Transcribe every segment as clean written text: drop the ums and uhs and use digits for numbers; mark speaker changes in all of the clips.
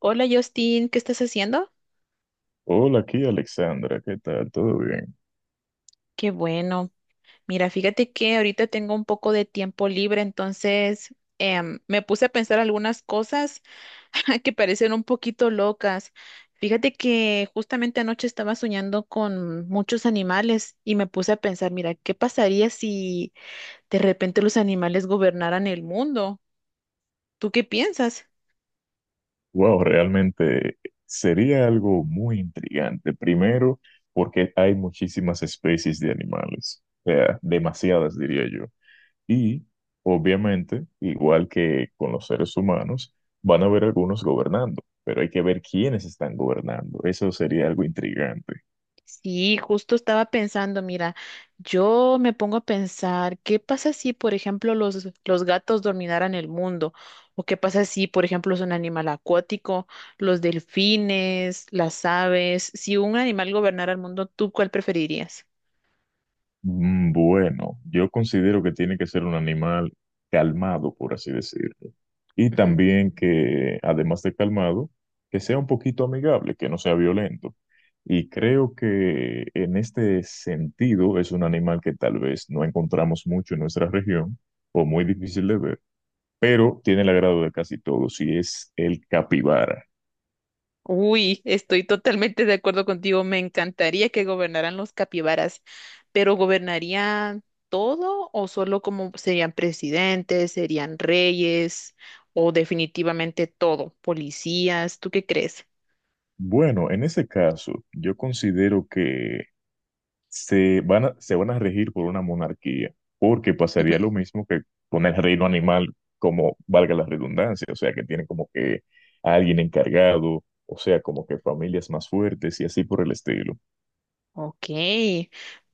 Speaker 1: Hola Justin, ¿qué estás haciendo?
Speaker 2: Hola, aquí Alexandra, ¿qué tal? ¿Todo bien?
Speaker 1: Qué bueno. Mira, fíjate que ahorita tengo un poco de tiempo libre, entonces me puse a pensar algunas cosas que parecen un poquito locas. Fíjate que justamente anoche estaba soñando con muchos animales y me puse a pensar, mira, ¿qué pasaría si de repente los animales gobernaran el mundo? ¿Tú qué piensas?
Speaker 2: Wow, realmente sería algo muy intrigante. Primero, porque hay muchísimas especies de animales, o sea, demasiadas diría yo. Y, obviamente, igual que con los seres humanos, van a haber algunos gobernando, pero hay que ver quiénes están gobernando. Eso sería algo intrigante.
Speaker 1: Sí, justo estaba pensando, mira, yo me pongo a pensar, ¿qué pasa si, por ejemplo, los gatos dominaran el mundo? ¿O qué pasa si, por ejemplo, es un animal acuático, los delfines, las aves? Si un animal gobernara el mundo, ¿tú cuál preferirías?
Speaker 2: Bueno, yo considero que tiene que ser un animal calmado, por así decirlo. Y también que, además de calmado, que sea un poquito amigable, que no sea violento. Y creo que en este sentido es un animal que tal vez no encontramos mucho en nuestra región o muy difícil de ver, pero tiene el agrado de casi todos y es el capibara.
Speaker 1: Uy, estoy totalmente de acuerdo contigo. Me encantaría que gobernaran los capibaras, pero ¿gobernarían todo o solo como serían presidentes, serían reyes o definitivamente todo, policías? ¿Tú qué crees?
Speaker 2: Bueno, en ese caso, yo considero que se van a regir por una monarquía, porque pasaría lo mismo que con el reino animal, como valga la redundancia, o sea, que tienen como que a alguien encargado, o sea, como que familias más fuertes y así por el estilo.
Speaker 1: Ok,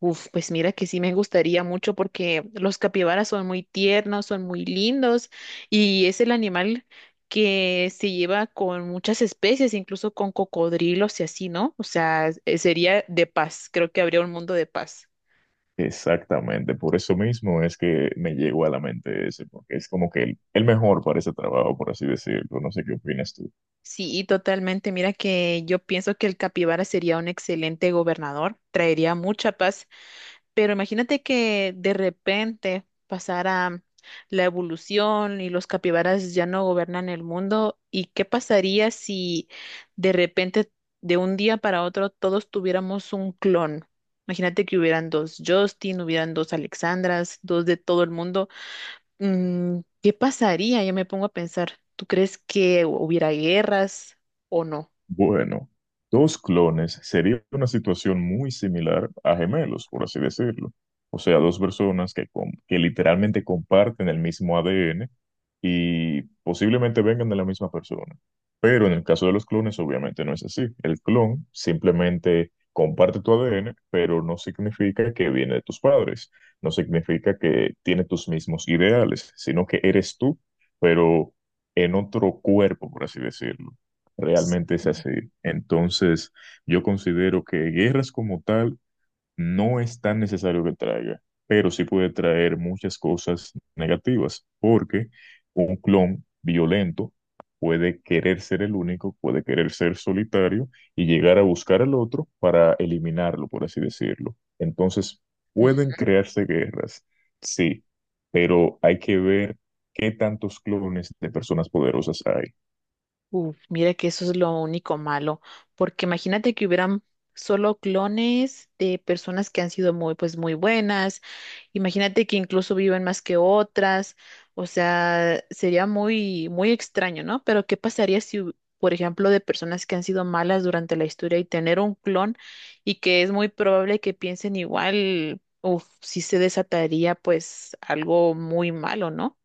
Speaker 1: uf, pues mira que sí me gustaría mucho porque los capibaras son muy tiernos, son muy lindos y es el animal que se lleva con muchas especies, incluso con cocodrilos y así, ¿no? O sea, sería de paz, creo que habría un mundo de paz.
Speaker 2: Exactamente, por eso mismo es que me llegó a la mente ese, porque es como que el mejor para ese trabajo, por así decirlo. No sé qué opinas tú.
Speaker 1: Sí, totalmente. Mira que yo pienso que el capibara sería un excelente gobernador, traería mucha paz. Pero imagínate que de repente pasara la evolución y los capibaras ya no gobernan el mundo. ¿Y qué pasaría si de repente, de un día para otro, todos tuviéramos un clon? Imagínate que hubieran dos Justin, hubieran dos Alexandras, dos de todo el mundo. Mm, ¿qué pasaría? Yo me pongo a pensar, ¿tú crees que hubiera guerras o no?
Speaker 2: Bueno, dos clones sería una situación muy similar a gemelos, por así decirlo. O sea, dos personas que, que literalmente comparten el mismo ADN y posiblemente vengan de la misma persona. Pero en el caso de los clones, obviamente no es así. El clon simplemente comparte tu ADN, pero no significa que viene de tus padres, no significa que tiene tus mismos ideales, sino que eres tú, pero en otro cuerpo, por así decirlo. Realmente es así. Entonces, yo considero que guerras como tal no es tan necesario que traiga, pero sí puede traer muchas cosas negativas, porque un clon violento puede querer ser el único, puede querer ser solitario y llegar a buscar al otro para eliminarlo, por así decirlo. Entonces, pueden crearse guerras, sí, pero hay que ver qué tantos clones de personas poderosas hay.
Speaker 1: Uf, mira que eso es lo único malo, porque imagínate que hubieran solo clones de personas que han sido muy, pues, muy buenas. Imagínate que incluso viven más que otras. O sea, sería muy, muy extraño, ¿no? Pero ¿qué pasaría si, por ejemplo, de personas que han sido malas durante la historia y tener un clon y que es muy probable que piensen igual, uf, sí se desataría, pues, algo muy malo, ¿no?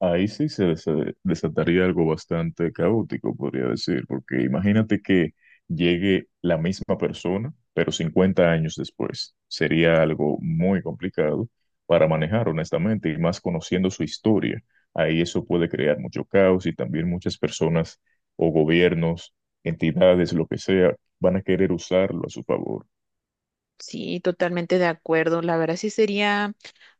Speaker 2: Ahí sí desataría algo bastante caótico, podría decir, porque imagínate que llegue la misma persona, pero 50 años después. Sería algo muy complicado para manejar, honestamente, y más conociendo su historia. Ahí eso puede crear mucho caos y también muchas personas o gobiernos, entidades, lo que sea, van a querer usarlo a su favor.
Speaker 1: Sí, totalmente de acuerdo. La verdad sí sería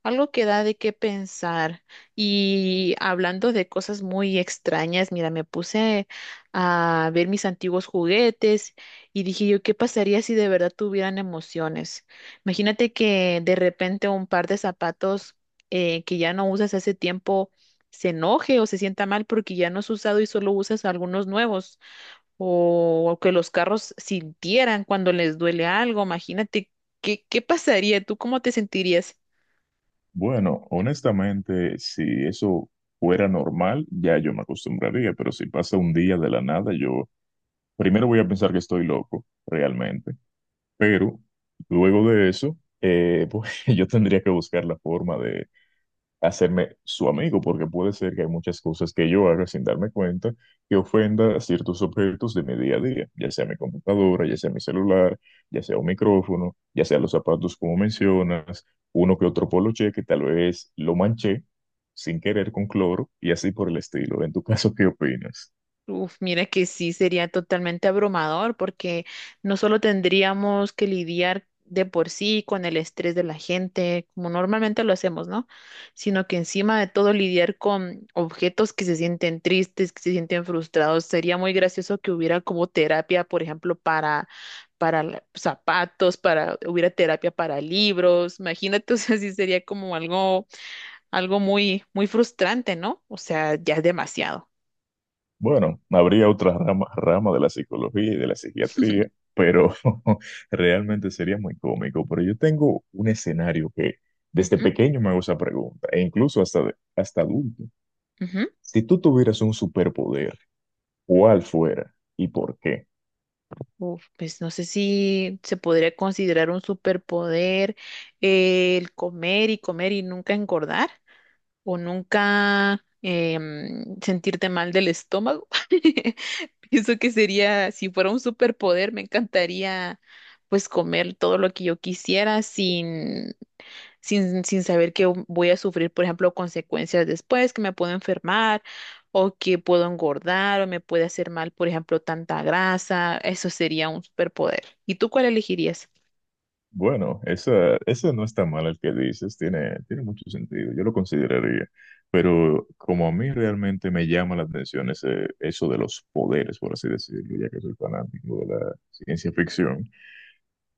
Speaker 1: algo que da de qué pensar. Y hablando de cosas muy extrañas, mira, me puse a ver mis antiguos juguetes y dije yo, ¿qué pasaría si de verdad tuvieran emociones? Imagínate que de repente un par de zapatos que ya no usas hace tiempo se enoje o se sienta mal porque ya no has usado y solo usas algunos nuevos o que los carros sintieran cuando les duele algo. Imagínate, ¿qué pasaría? ¿Tú cómo te sentirías?
Speaker 2: Bueno, honestamente, si eso fuera normal, ya yo me acostumbraría, pero si pasa un día de la nada, yo primero voy a pensar que estoy loco, realmente, pero luego de eso, pues yo tendría que buscar la forma hacerme su amigo, porque puede ser que hay muchas cosas que yo haga sin darme cuenta que ofenda a ciertos objetos de mi día a día, ya sea mi computadora, ya sea mi celular, ya sea un micrófono, ya sea los zapatos como mencionas, uno que otro poloche que tal vez lo manché sin querer con cloro y así por el estilo. En tu caso, ¿qué opinas?
Speaker 1: Uf, mira que sí sería totalmente abrumador porque no solo tendríamos que lidiar de por sí con el estrés de la gente, como normalmente lo hacemos, ¿no? Sino que encima de todo lidiar con objetos que se sienten tristes, que se sienten frustrados. Sería muy gracioso que hubiera como terapia, por ejemplo, para la- zapatos, para, hubiera terapia para libros. Imagínate, o sea, sí sería como algo, algo muy, muy frustrante, ¿no? O sea, ya es demasiado.
Speaker 2: Bueno, habría rama de la psicología y de la psiquiatría, pero realmente sería muy cómico. Pero yo tengo un escenario que desde
Speaker 1: Ujú,
Speaker 2: pequeño me hago esa pregunta, e incluso hasta, hasta adulto.
Speaker 1: ujú.
Speaker 2: Si tú tuvieras un superpoder, ¿cuál fuera y por qué?
Speaker 1: Uf, pues no sé si se podría considerar un superpoder, el comer y comer y nunca engordar o nunca sentirte mal del estómago. Pienso que sería, si fuera un superpoder, me encantaría pues comer todo lo que yo quisiera sin sin saber que voy a sufrir, por ejemplo, consecuencias después, que me puedo enfermar o que puedo engordar o me puede hacer mal, por ejemplo, tanta grasa. Eso sería un superpoder. ¿Y tú cuál elegirías?
Speaker 2: Bueno, ese no está mal el que dices, tiene mucho sentido, yo lo consideraría. Pero como a mí realmente me llama la atención eso de los poderes, por así decirlo, ya que soy fanático de la ciencia ficción.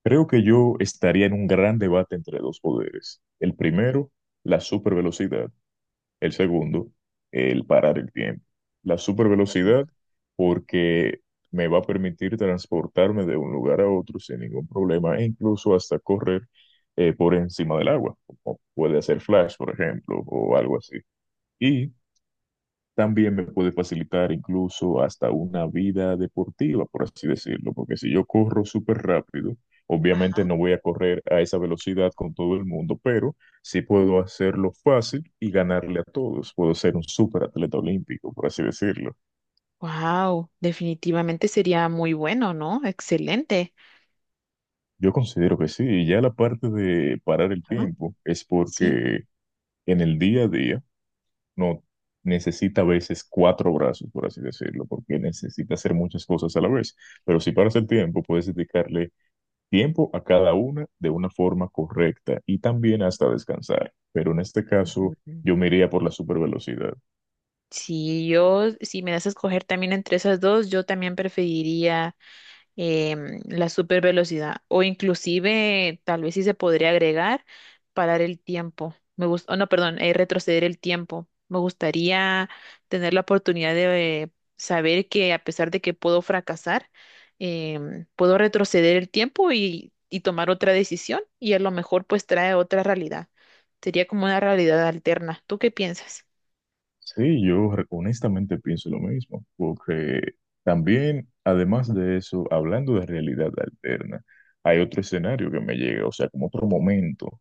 Speaker 2: Creo que yo estaría en un gran debate entre dos poderes. El primero, la supervelocidad. El segundo, el parar el tiempo. La supervelocidad porque me va a permitir transportarme de un lugar a otro sin ningún problema e incluso hasta correr por encima del agua, como puede hacer Flash, por ejemplo, o algo así. Y también me puede facilitar incluso hasta una vida deportiva, por así decirlo, porque si yo corro súper rápido, obviamente no voy a correr a esa velocidad con todo el mundo, pero sí puedo hacerlo fácil y ganarle a todos. Puedo ser un súper atleta olímpico, por así decirlo.
Speaker 1: Wow, definitivamente sería muy bueno, ¿no? Excelente.
Speaker 2: Yo considero que sí, y ya la parte de parar el
Speaker 1: Ajá,
Speaker 2: tiempo es
Speaker 1: sí.
Speaker 2: porque en el día a día no necesita a veces cuatro brazos, por así decirlo, porque necesita hacer muchas cosas a la vez. Pero si paras el tiempo, puedes dedicarle tiempo a cada una de una forma correcta y también hasta descansar. Pero en este caso,
Speaker 1: Mm,
Speaker 2: yo me iría por la supervelocidad.
Speaker 1: si yo, si me das a escoger también entre esas dos, yo también preferiría la super velocidad o inclusive tal vez sí se podría agregar parar el tiempo. Me gusta, no, perdón, retroceder el tiempo. Me gustaría tener la oportunidad de saber que a pesar de que puedo fracasar, puedo retroceder el tiempo y tomar otra decisión y a lo mejor pues trae otra realidad. Sería como una realidad alterna. ¿Tú qué piensas?
Speaker 2: Sí, yo honestamente pienso lo mismo, porque también, además de eso, hablando de realidad alterna, hay otro escenario que me llega, o sea, como otro momento,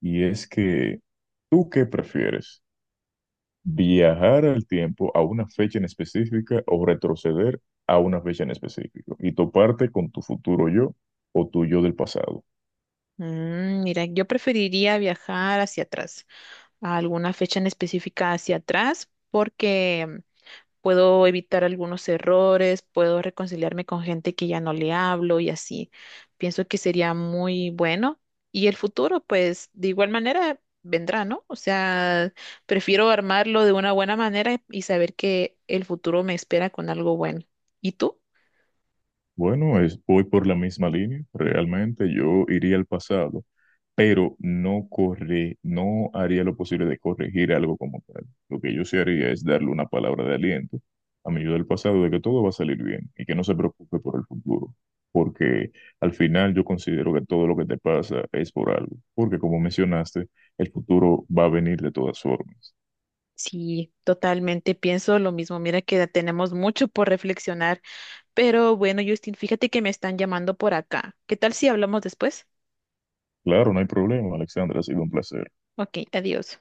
Speaker 2: y es que, ¿tú qué prefieres? ¿Viajar al tiempo a una fecha en específica o retroceder a una fecha en específico y toparte con tu futuro yo o tu yo del pasado?
Speaker 1: Mm, mira, yo preferiría viajar hacia atrás, a alguna fecha en específica hacia atrás, porque mm, puedo evitar algunos errores, puedo reconciliarme con gente que ya no le hablo y así. Pienso que sería muy bueno. Y el futuro, pues, de igual manera vendrá, ¿no? O sea, prefiero armarlo de una buena manera y saber que el futuro me espera con algo bueno. ¿Y tú?
Speaker 2: Bueno, voy por la misma línea. Realmente yo iría al pasado, pero no haría lo posible de corregir algo como tal. Lo que yo sí haría es darle una palabra de aliento a mi yo del pasado de que todo va a salir bien y que no se preocupe por el futuro, porque al final yo considero que todo lo que te pasa es por algo, porque como mencionaste, el futuro va a venir de todas formas.
Speaker 1: Sí, totalmente pienso lo mismo. Mira que tenemos mucho por reflexionar. Pero bueno, Justin, fíjate que me están llamando por acá. ¿Qué tal si hablamos después?
Speaker 2: Claro, no hay problema, Alexandra, ha sido un placer.
Speaker 1: Ok, adiós.